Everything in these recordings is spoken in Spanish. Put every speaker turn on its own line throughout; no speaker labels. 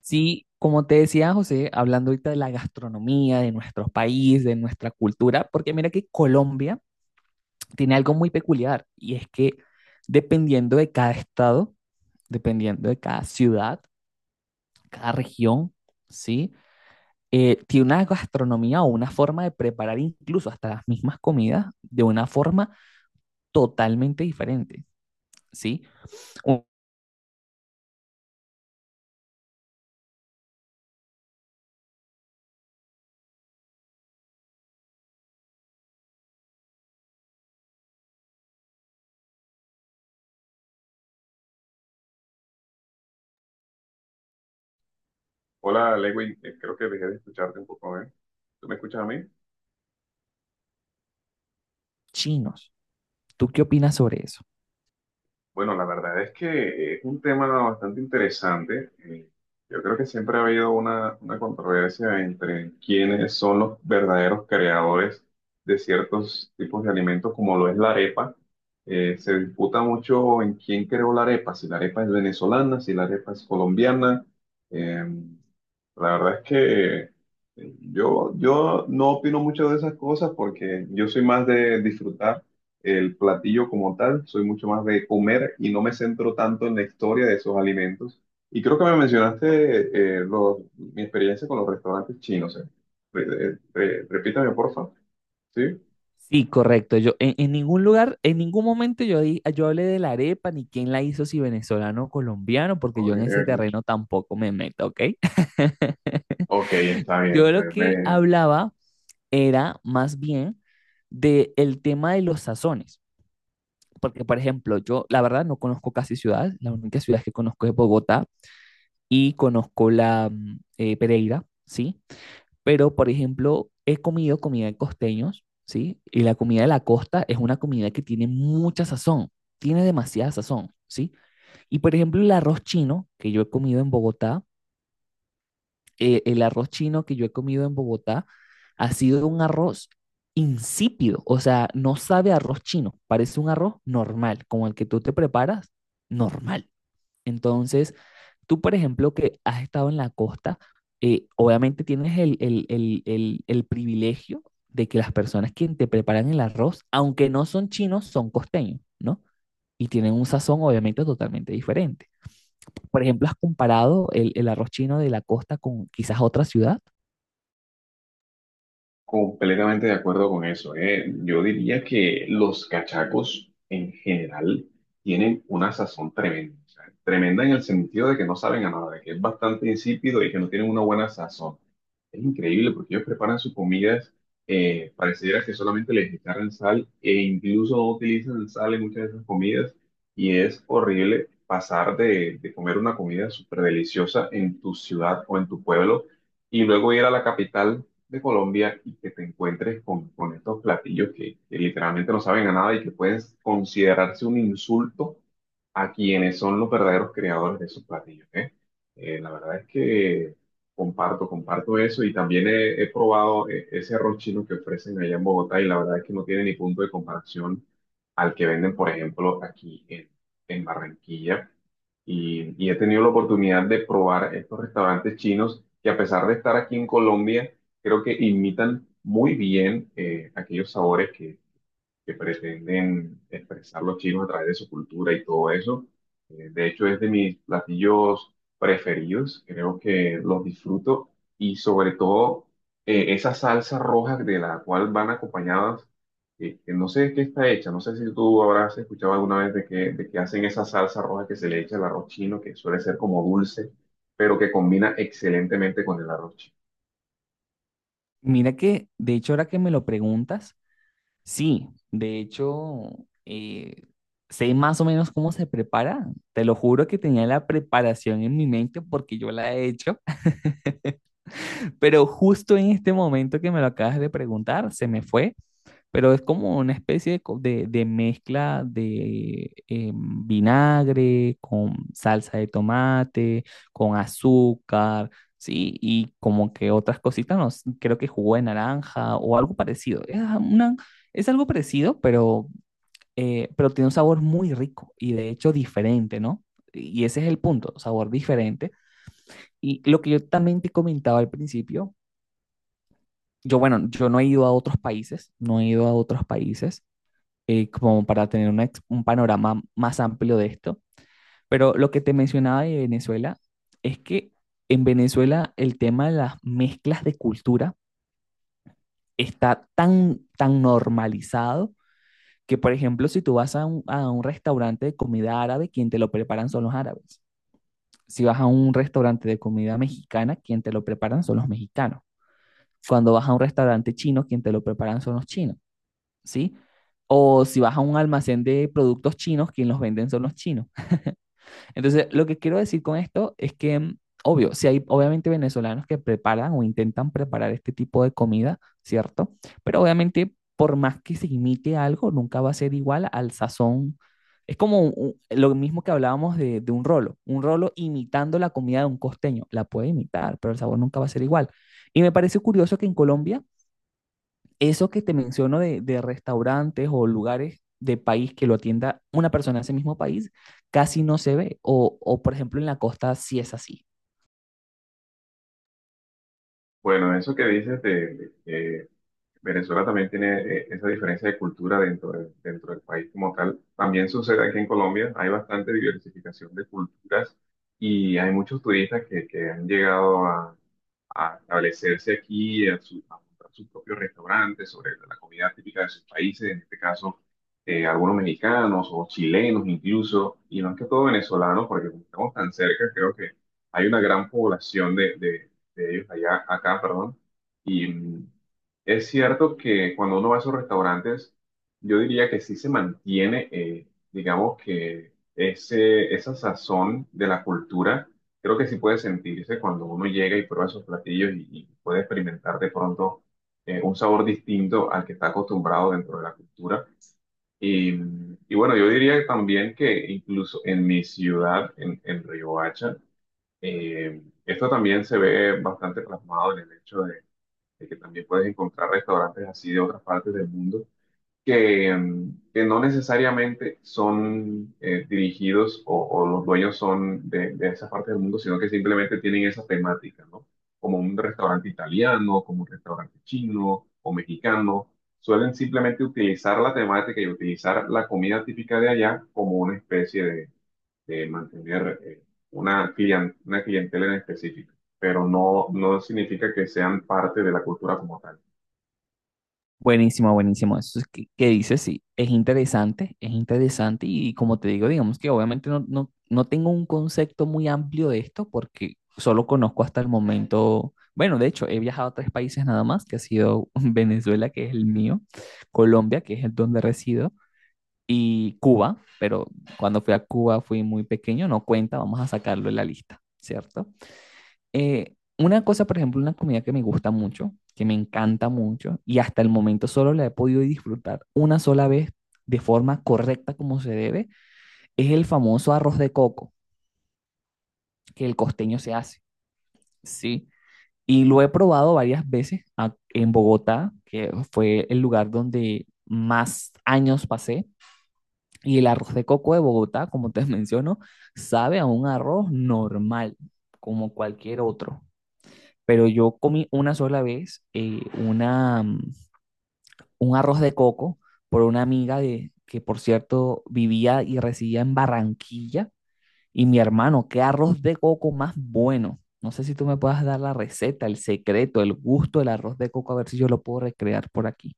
Sí, como te decía José, hablando ahorita de la gastronomía, de nuestro país, de nuestra cultura, porque mira que Colombia tiene algo muy peculiar y es que dependiendo de cada estado, dependiendo de cada ciudad, cada región, ¿sí? Tiene una gastronomía o una forma de preparar incluso hasta las mismas comidas de una forma totalmente diferente, ¿sí? O
Hola, Lewin. Creo que dejé de escucharte un poco, ¿eh? ¿Tú me escuchas a mí?
chinos, ¿tú qué opinas sobre eso?
Bueno, la verdad es que es un tema bastante interesante. Yo creo que siempre ha habido una controversia entre quiénes son los verdaderos creadores de ciertos tipos de alimentos, como lo es la arepa. Se disputa mucho en quién creó la arepa, si la arepa es venezolana, si la arepa es colombiana. Em, la verdad es que yo no opino mucho de esas cosas porque yo soy más de disfrutar el platillo como tal, soy mucho más de comer y no me centro tanto en la historia de esos alimentos. Y creo que me mencionaste mi experiencia con los restaurantes chinos. Repítame, porfa. ¿Sí?
Sí, correcto. Yo en ningún lugar, en ningún momento yo hablé de la arepa ni quién la hizo, si venezolano o colombiano, porque
Ok,
yo en ese
ok.
terreno tampoco me meto, ¿ok?
Ok, está bien.
Yo lo que hablaba era más bien de el tema de los sazones, porque por ejemplo, yo la verdad no conozco casi ciudades, la única ciudad que conozco es Bogotá y conozco la Pereira, ¿sí? Pero, por ejemplo, he comido comida de costeños, ¿sí? Y la comida de la costa es una comida que tiene mucha sazón, tiene demasiada sazón, ¿sí? Y, por ejemplo, el arroz chino que yo he comido en Bogotá, el arroz chino que yo he comido en Bogotá ha sido un arroz insípido, o sea, no sabe a arroz chino, parece un arroz normal, como el que tú te preparas, normal. Entonces, tú, por ejemplo, que has estado en la costa, obviamente tienes el privilegio de que las personas que te preparan el arroz, aunque no son chinos, son costeños, ¿no? Y tienen un sazón obviamente totalmente diferente. Por ejemplo, ¿has comparado el arroz chino de la costa con quizás otra ciudad?
Completamente de acuerdo con eso. Yo diría que los cachacos en general tienen una sazón tremenda. O sea, tremenda en el sentido de que no saben a nada, de que es bastante insípido y que no tienen una buena sazón. Es increíble porque ellos preparan sus comidas, pareciera que solamente les echaran sal e incluso no utilizan sal en muchas de esas comidas y es horrible pasar de comer una comida súper deliciosa en tu ciudad o en tu pueblo y luego ir a la capital de Colombia y que te encuentres con estos platillos que literalmente no saben a nada y que pueden considerarse un insulto a quienes son los verdaderos creadores de esos platillos, ¿eh? La verdad es que comparto, comparto eso y también he probado ese arroz chino que ofrecen allá en Bogotá y la verdad es que no tiene ni punto de comparación al que venden, por ejemplo, aquí en Barranquilla. Y he tenido la oportunidad de probar estos restaurantes chinos que, a pesar de estar aquí en Colombia, creo que imitan muy bien aquellos sabores que pretenden expresar los chinos a través de su cultura y todo eso. De hecho, es de mis platillos preferidos, creo que los disfruto y, sobre todo, esa salsa roja de la cual van acompañadas, que no sé de qué está hecha. No sé si tú habrás escuchado alguna vez de que hacen esa salsa roja que se le echa al arroz chino, que suele ser como dulce, pero que combina excelentemente con el arroz chino.
Mira que, de hecho, ahora que me lo preguntas, sí, de hecho, eh, sé más o menos cómo se prepara. Te lo juro que tenía la preparación en mi mente porque yo la he hecho. Pero justo en este momento que me lo acabas de preguntar, se me fue, pero es como una especie de mezcla de vinagre con salsa de tomate, con azúcar, ¿sí? Y como que otras cositas, no sé, creo que jugo de naranja o algo parecido. Es algo parecido, pero tiene un sabor muy rico y de hecho diferente, ¿no? Y ese es el punto, sabor diferente. Y lo que yo también te comentaba al principio yo, bueno, yo no he ido a otros países, no he ido a otros países como para tener un panorama más amplio de esto, pero lo que te mencionaba de Venezuela es que en Venezuela el tema de las mezclas de cultura está tan, tan normalizado que, por ejemplo, si tú vas a a un restaurante de comida árabe, quien te lo preparan son los árabes. Si vas a un restaurante de comida mexicana, quien te lo preparan son los mexicanos. Cuando vas a un restaurante chino, quien te lo preparan son los chinos. ¿Sí? O si vas a un almacén de productos chinos, quien los venden son los chinos. Entonces, lo que quiero decir con esto es que, obvio, si hay obviamente venezolanos que preparan o intentan preparar este tipo de comida, ¿cierto? Pero obviamente, por más que se imite algo, nunca va a ser igual al sazón. Es como lo mismo que hablábamos de un rolo. Un rolo imitando la comida de un costeño. La puede imitar, pero el sabor nunca va a ser igual. Y me parece curioso que en Colombia eso que te menciono de restaurantes o lugares de país que lo atienda una persona de ese mismo país, casi no se ve. O por ejemplo, en la costa sí es así.
Bueno, eso que dices de, Venezuela también tiene esa diferencia de cultura dentro, dentro del país como tal. También sucede aquí en Colombia, hay bastante diversificación de culturas y hay muchos turistas que han llegado a establecerse aquí, a, a montar sus propios restaurantes sobre la comida típica de sus países, en este caso algunos mexicanos o chilenos, incluso, y más que todo venezolanos, porque como estamos tan cerca, creo que hay una gran población de, de ellos allá, acá, perdón, y mm, es cierto que cuando uno va a esos restaurantes, yo diría que sí se mantiene, digamos que ese, esa sazón de la cultura, creo que sí puede sentirse cuando uno llega y prueba esos platillos, y puede experimentar de pronto un sabor distinto al que está acostumbrado dentro de la cultura. Y, y bueno, yo diría también que incluso en mi ciudad, en Riohacha, esto también se ve bastante plasmado en el hecho de que también puedes encontrar restaurantes así de otras partes del mundo que, mm, que no necesariamente son dirigidos o los dueños son de esa parte del mundo, sino que simplemente tienen esa temática, ¿no? Como un restaurante italiano, como un restaurante chino o mexicano, suelen simplemente utilizar la temática y utilizar la comida típica de allá como una especie de mantener una, una clientela en específico, pero no, no significa que sean parte de la cultura como tal.
Buenísimo, buenísimo. Eso es que dices, sí, es interesante, es interesante. Y, como te digo, digamos que obviamente no tengo un concepto muy amplio de esto porque solo conozco hasta el momento, bueno, de hecho, he viajado a tres países nada más, que ha sido Venezuela, que es el mío, Colombia, que es el donde resido, y Cuba, pero cuando fui a Cuba fui muy pequeño, no cuenta, vamos a sacarlo en la lista, ¿cierto? Una cosa, por ejemplo, una comida que me gusta mucho, que me encanta mucho y hasta el momento solo la he podido disfrutar una sola vez de forma correcta como se debe, es el famoso arroz de coco que el costeño se hace, ¿sí? Y lo he probado varias veces en Bogotá, que fue el lugar donde más años pasé, y el arroz de coco de Bogotá, como te menciono, sabe a un arroz normal, como cualquier otro. Pero yo comí una sola vez un arroz de coco por una amiga que, por cierto, vivía y residía en Barranquilla. Y mi hermano, qué arroz de coco más bueno. No sé si tú me puedas dar la receta, el secreto, el gusto del arroz de coco, a ver si yo lo puedo recrear por aquí.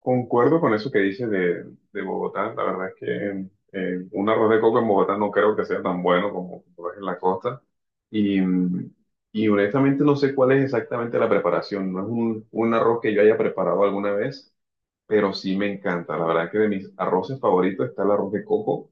Concuerdo con eso que dices de Bogotá. La verdad es que un arroz de coco en Bogotá no creo que sea tan bueno como lo es en la costa. Y, mm, y honestamente no sé cuál es exactamente la preparación. No es un arroz que yo haya preparado alguna vez, pero sí me encanta. La verdad es que de mis arroces favoritos está el arroz de coco.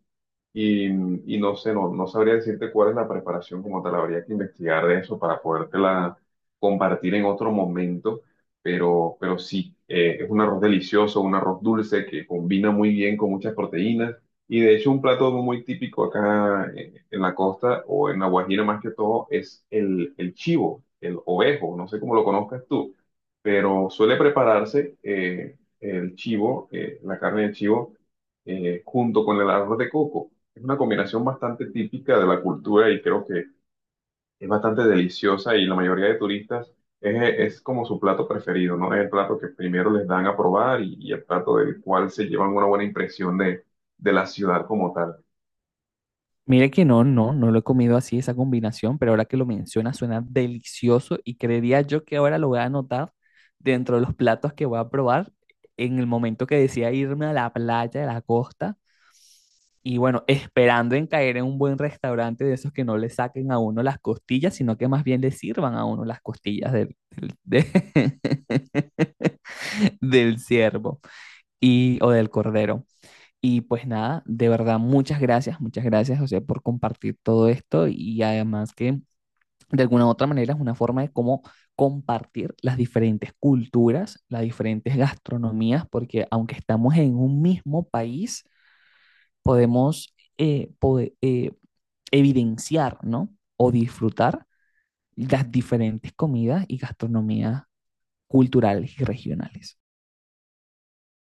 Y, y no sé, no, no sabría decirte cuál es la preparación como tal, habría que investigar de eso para podértela compartir en otro momento, pero sí, es un arroz delicioso, un arroz dulce que combina muy bien con muchas proteínas. Y de hecho, un plato muy típico acá, en la costa o en La Guajira más que todo, es el chivo, el ovejo, no sé cómo lo conozcas tú, pero suele prepararse el chivo, la carne de chivo junto con el arroz de coco. Es una combinación bastante típica de la cultura y creo que es bastante deliciosa, y la mayoría de turistas es como su plato preferido, ¿no? Es el plato que primero les dan a probar y el plato del cual se llevan una buena impresión de la ciudad como tal.
Mire que no lo he comido así, esa combinación, pero ahora que lo menciona suena delicioso y creería yo que ahora lo voy a anotar dentro de los platos que voy a probar en el momento que decida irme a la playa de la costa y bueno, esperando en caer en un buen restaurante de esos que no le saquen a uno las costillas, sino que más bien le sirvan a uno las costillas del ciervo y, o del cordero. Y pues nada, de verdad, muchas gracias, José, por compartir todo esto y además que de alguna u otra manera es una forma de cómo compartir las diferentes culturas, las diferentes gastronomías, porque aunque estamos en un mismo país, podemos evidenciar, ¿no? O disfrutar las diferentes comidas y gastronomías culturales y regionales.